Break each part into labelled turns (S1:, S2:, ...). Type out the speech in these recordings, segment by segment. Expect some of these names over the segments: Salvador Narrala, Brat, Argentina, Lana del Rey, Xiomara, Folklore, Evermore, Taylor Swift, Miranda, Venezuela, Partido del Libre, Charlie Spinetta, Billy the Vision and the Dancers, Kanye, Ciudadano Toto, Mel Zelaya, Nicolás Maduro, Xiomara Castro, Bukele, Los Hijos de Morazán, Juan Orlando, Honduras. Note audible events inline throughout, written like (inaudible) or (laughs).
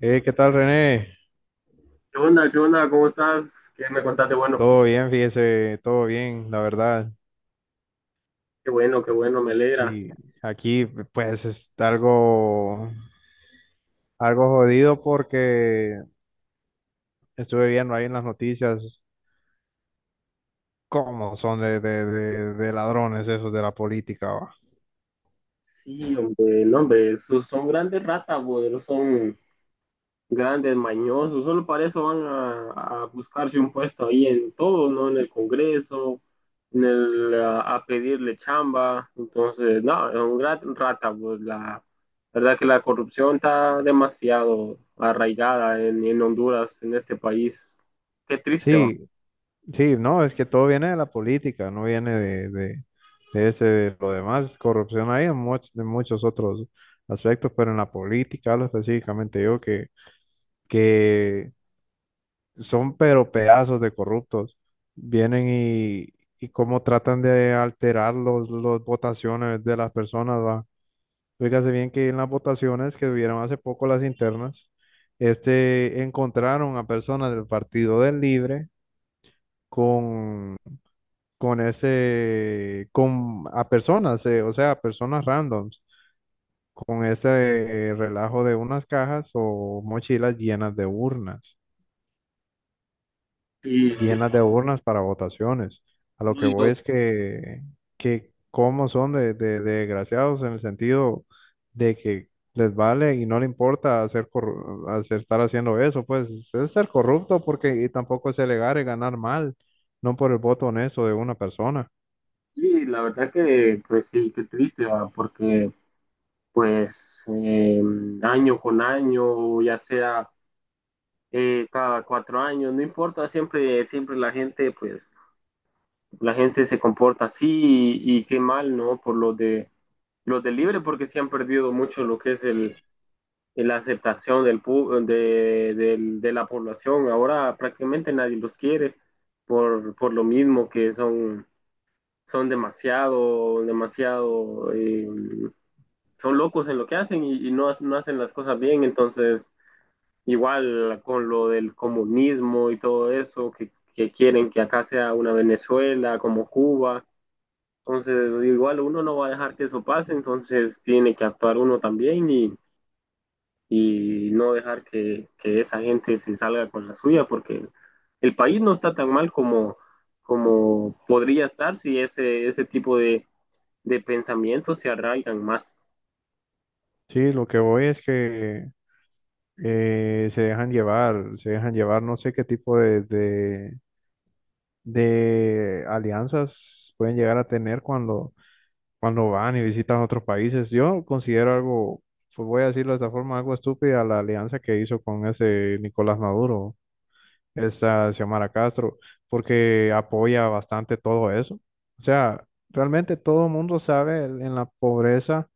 S1: ¿Qué tal, René?
S2: ¿Qué onda? ¿Qué onda? ¿Cómo estás? ¿Qué me contaste? Bueno,
S1: Todo bien, fíjese, todo bien, la verdad.
S2: qué bueno, qué bueno, me alegra.
S1: Sí, aquí pues es algo, algo jodido porque estuve viendo ahí en las noticias cómo son de ladrones esos de la política, va.
S2: Sí, hombre, no, hombre, esos son grandes ratas, güey, son grandes mañosos, solo para eso van a buscarse un puesto ahí en todo, ¿no? En el Congreso, en el, a pedirle chamba, entonces, no, es un gran rata, pues la verdad que la corrupción está demasiado arraigada en Honduras, en este país. Qué triste, va.
S1: Sí, Sí, no, es que todo viene de la política, no viene de ese, de lo demás. Corrupción hay en muchos, de muchos otros aspectos, pero en la política hablo específicamente yo que son pero pedazos de corruptos. Vienen y cómo tratan de alterar los votaciones de las personas, va. Fíjese bien que en las votaciones que hubieron hace poco las internas, este, encontraron a personas del Partido del Libre con con ese, con a personas, o sea, a personas randoms, con ese relajo de unas cajas o mochilas
S2: Sí, sí.
S1: llenas de urnas para votaciones. A lo que voy es que cómo son de, de desgraciados en el sentido de que les vale y no le importa hacer, estar haciendo eso, pues es ser corrupto porque y tampoco es elegar y ganar mal, no por el voto honesto de una persona.
S2: Sí, la verdad que, pues sí, qué triste, ¿va? Porque pues año con año, ya sea cada 4 años, no importa, siempre la gente, pues la gente se comporta así y qué mal, ¿no? Por lo de los de Libre, porque se han perdido mucho lo que es el, la aceptación del, de la población. Ahora prácticamente nadie los quiere por lo mismo que son, son demasiado, demasiado son locos en lo que hacen y no, no hacen las cosas bien, entonces igual con lo del comunismo y todo eso, que quieren que acá sea una Venezuela como Cuba, entonces igual uno no va a dejar que eso pase, entonces tiene que actuar uno también y no dejar que esa gente se salga con la suya, porque el país no está tan mal como, como podría estar si ese, ese tipo de pensamientos se arraigan más.
S1: Sí, lo que voy es que se dejan llevar, no sé qué tipo de alianzas pueden llegar a tener cuando, cuando van y visitan otros países. Yo considero algo, pues voy a decirlo de esta forma, algo estúpida la alianza que hizo con ese Nicolás Maduro, esa Xiomara Castro, porque apoya bastante todo eso. O sea, realmente todo el mundo sabe el- en la pobreza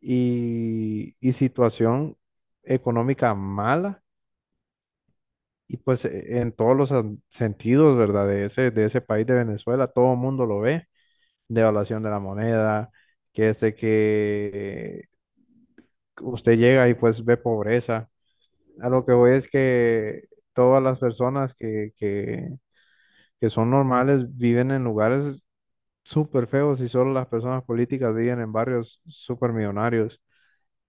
S1: y situación económica mala. Y pues e- en todos los an- sentidos, ¿verdad? De ese país de Venezuela, todo el mundo lo ve, devaluación de la moneda, que es de que usted llega y pues ve pobreza. A lo que voy es que todas las personas que son normales viven en lugares súper feos y solo las personas políticas viven en barrios súper millonarios.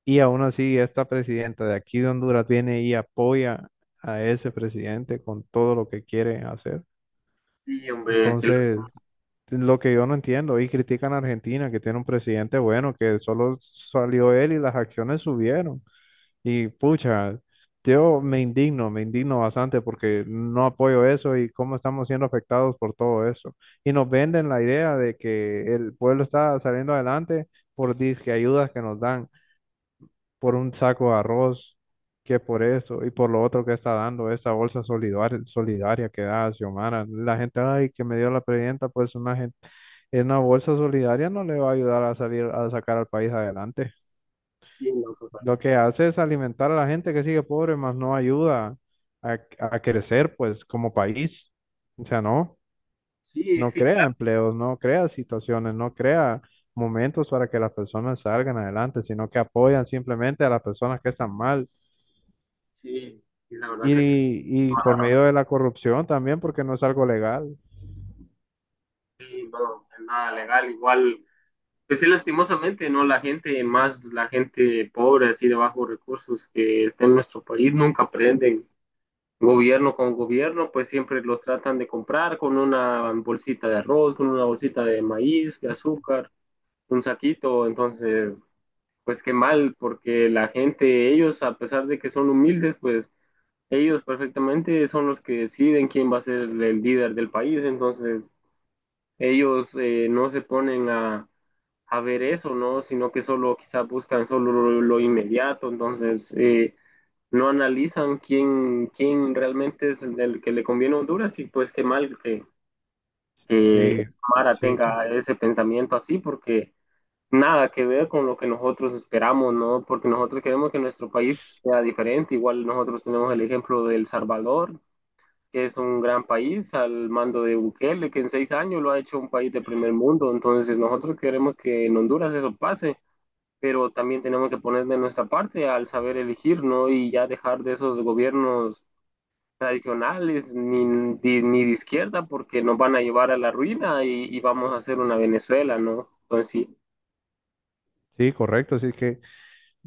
S1: Y aún así, esta presidenta de aquí de Honduras viene y apoya a ese presidente con todo lo que quiere hacer.
S2: Sí, hombre,
S1: Entonces, es lo que yo no entiendo, y critican a Argentina, que tiene un presidente bueno, que solo salió él y las acciones subieron. Y pucha, yo me indigno bastante porque no apoyo eso y cómo estamos siendo afectados por todo eso. Y nos venden la idea de que el pueblo está saliendo adelante por disque ayudas que nos dan por un saco de arroz, que por eso y por lo otro que está dando esa bolsa solidaria, solidaria que da Xiomara. La gente, ay, que me dio la presidenta, pues una gente, en una bolsa solidaria no le va a ayudar a salir, a sacar al país adelante.
S2: entiendo, papá.
S1: Lo que hace es alimentar a la gente que sigue pobre, más no ayuda a crecer, pues, como país. O sea, no,
S2: Sí,
S1: no
S2: sí,
S1: crea
S2: claro.
S1: empleos, no crea situaciones, no crea momentos para que las personas salgan adelante, sino que apoyan simplemente a las personas que están mal.
S2: Sí, y la verdad que sí,
S1: Y por medio de la corrupción también, porque no es algo legal.
S2: no, es nada legal. Igual, pues sí, lastimosamente, ¿no? La gente, más la gente pobre, así de bajos recursos que está en nuestro país, nunca aprenden gobierno con gobierno, pues siempre los tratan de comprar con una bolsita de arroz, con una bolsita de maíz, de azúcar, un saquito. Entonces, pues qué mal, porque la gente, ellos, a pesar de que son humildes, pues ellos perfectamente son los que deciden quién va a ser el líder del país. Entonces, ellos no se ponen a ver eso, ¿no? Sino que solo quizás buscan solo lo inmediato, entonces no analizan quién, quién realmente es el que le conviene a Honduras y pues qué mal que
S1: Sí,
S2: Mara
S1: sí,
S2: tenga ese pensamiento así porque nada que ver con lo que nosotros esperamos, ¿no? Porque nosotros queremos que nuestro país sea diferente, igual nosotros tenemos el ejemplo de El Salvador, que es un gran país al mando de Bukele, que en 6 años lo ha hecho un país de primer mundo. Entonces nosotros queremos que en Honduras eso pase, pero también tenemos que poner de nuestra parte al saber elegir, ¿no? Y ya dejar de esos gobiernos tradicionales ni de izquierda porque nos van a llevar a la ruina y vamos a hacer una Venezuela, ¿no? Entonces sí,
S1: sí, correcto. Así que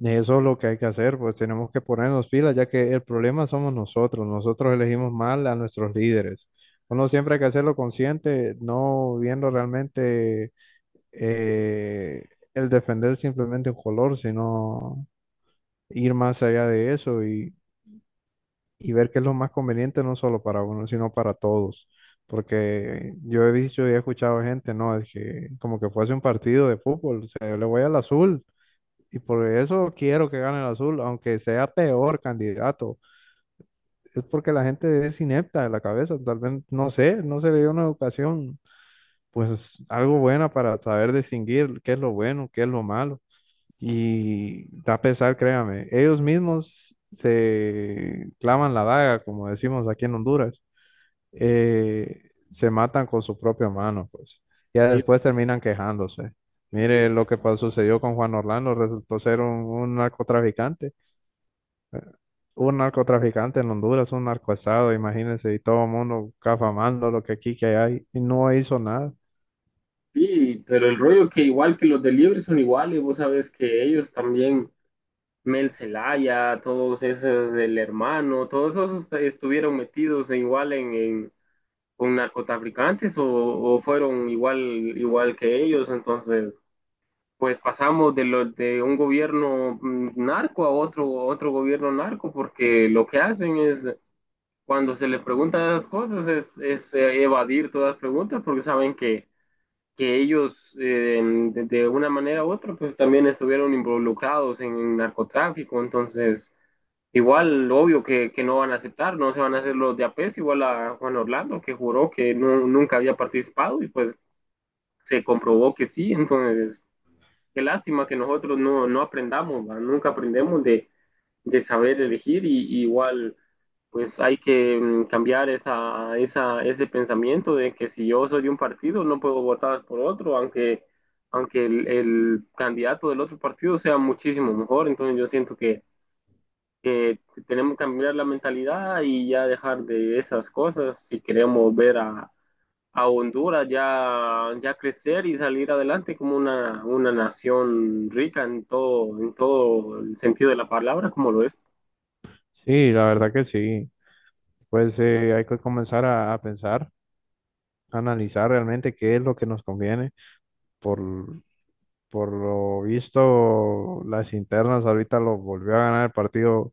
S1: eso es lo que hay que hacer, pues tenemos que ponernos pilas, ya que el problema somos nosotros. Nosotros elegimos mal a nuestros líderes. Uno siempre hay que hacerlo consciente, no viendo realmente eh, el defender simplemente un color, sino ir más allá de eso y ver qué es lo más conveniente, no solo para uno, sino para todos. Porque yo he visto y he escuchado gente, ¿no? Es que como que fuese un partido de fútbol, o sea, yo le voy al azul y por eso quiero que gane el azul, aunque sea peor candidato. Es porque la gente es inepta de la cabeza, tal vez, no sé, no se le dio una educación, pues algo buena para saber distinguir qué es lo bueno, qué es lo malo. Y da pesar, créame, ellos mismos se clavan la daga, como decimos aquí en Honduras, se matan con su propia mano, pues. Ya
S2: Y-
S1: después terminan quejándose.
S2: y-
S1: Mire lo que sucedió con Juan Orlando, resultó ser un narcotraficante en Honduras, un narcoestado, imagínense, y todo el mundo cafamando lo que aquí que hay, y no hizo nada.
S2: sí, pero el rollo que igual que los de Libre son iguales, vos sabes que ellos también Mel Zelaya, todos esos del hermano, todos esos estuvieron metidos igual con narcotraficantes o fueron igual, igual que ellos, entonces pues pasamos de lo, de un gobierno narco a otro, otro gobierno narco, porque lo que hacen es cuando se les pregunta esas cosas es, evadir todas las preguntas porque saben que ellos de una manera u otra pues también estuvieron involucrados en narcotráfico, entonces igual, obvio que no van a aceptar, no se van a hacer los de APES, igual a Juan Orlando, que juró que no, nunca había participado y pues se comprobó que sí, entonces qué lástima que nosotros no, no aprendamos, ¿va? Nunca aprendemos de saber elegir y igual pues hay que cambiar esa, esa, ese pensamiento de que si yo soy de un partido no puedo votar por otro, aunque, aunque el candidato del otro partido sea muchísimo mejor, entonces yo siento que tenemos que cambiar la mentalidad y ya dejar de esas cosas si queremos ver a Honduras ya, ya crecer y salir adelante como una nación rica en todo el sentido de la palabra, como lo es.
S1: Sí, la verdad que sí. Pues hay que comenzar a pensar, a analizar realmente qué es lo que nos conviene. Por, por lo visto, las internas ahorita lo volvió a ganar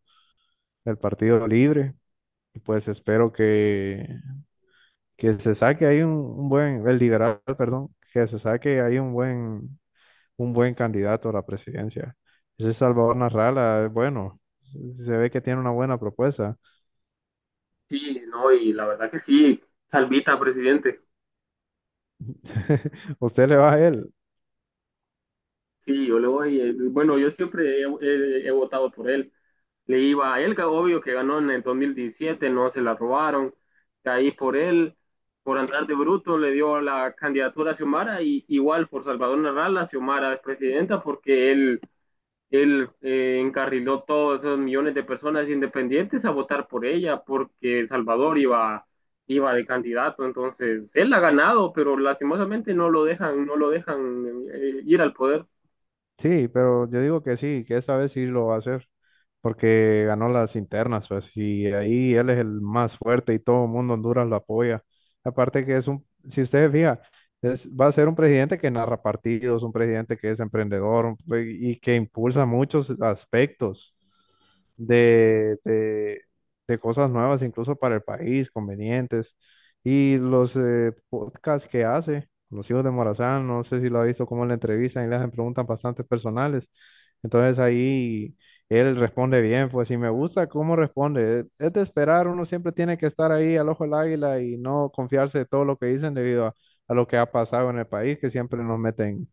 S1: el partido libre. Y pues espero que se saque ahí un buen, el liberal, perdón, que se saque ahí un buen candidato a la presidencia. Ese Salvador Narrala, es bueno, se ve que tiene una buena propuesta.
S2: Sí, no, y la verdad que sí, salvita, presidente.
S1: (laughs) Usted le va a él.
S2: Sí, yo le voy, bueno, yo siempre he votado por él. Le iba a él, que obvio que ganó en el 2017, no se la robaron. Caí por él, por andar de bruto, le dio la candidatura a Xiomara y igual por Salvador Narrala, Xiomara es presidenta porque él encarriló todos esos millones de personas independientes a votar por ella porque Salvador iba, iba de candidato. Entonces, él ha ganado, pero lastimosamente no lo dejan, no lo dejan ir al poder.
S1: Sí, pero yo digo que sí, que esta vez sí lo va a hacer. Porque ganó las internas, pues, y ahí él es el más fuerte y todo el mundo en Honduras lo apoya. Aparte que es un, si ustedes fijan, es, va a ser un presidente que narra partidos, un presidente que es emprendedor un y que impulsa muchos aspectos de, de, de cosas nuevas, incluso para el país, convenientes. Y los podcasts que hace, Los Hijos de Morazán, no sé si lo ha visto, cómo le entrevistan y le hacen preguntas bastante personales. Entonces ahí él responde bien, pues si me gusta cómo responde. Es de esperar, uno siempre tiene que estar ahí al ojo del águila y no confiarse de todo lo que dicen debido a lo que ha pasado en el país, que siempre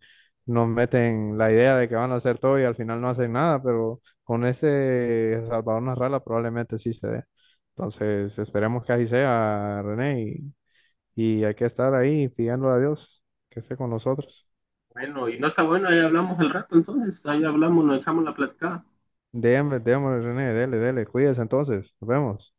S1: nos meten la idea de que van a hacer todo y al final no hacen nada, pero con ese Salvador Narrala probablemente sí se dé. Entonces esperemos que así sea, René, y hay que estar ahí pidiéndole a Dios que esté con nosotros.
S2: Bueno, y no está bueno, ahí hablamos el rato entonces, ahí hablamos, nos echamos la platicada.
S1: Démosle, démosle, René, dele, dele, cuídese entonces, nos vemos.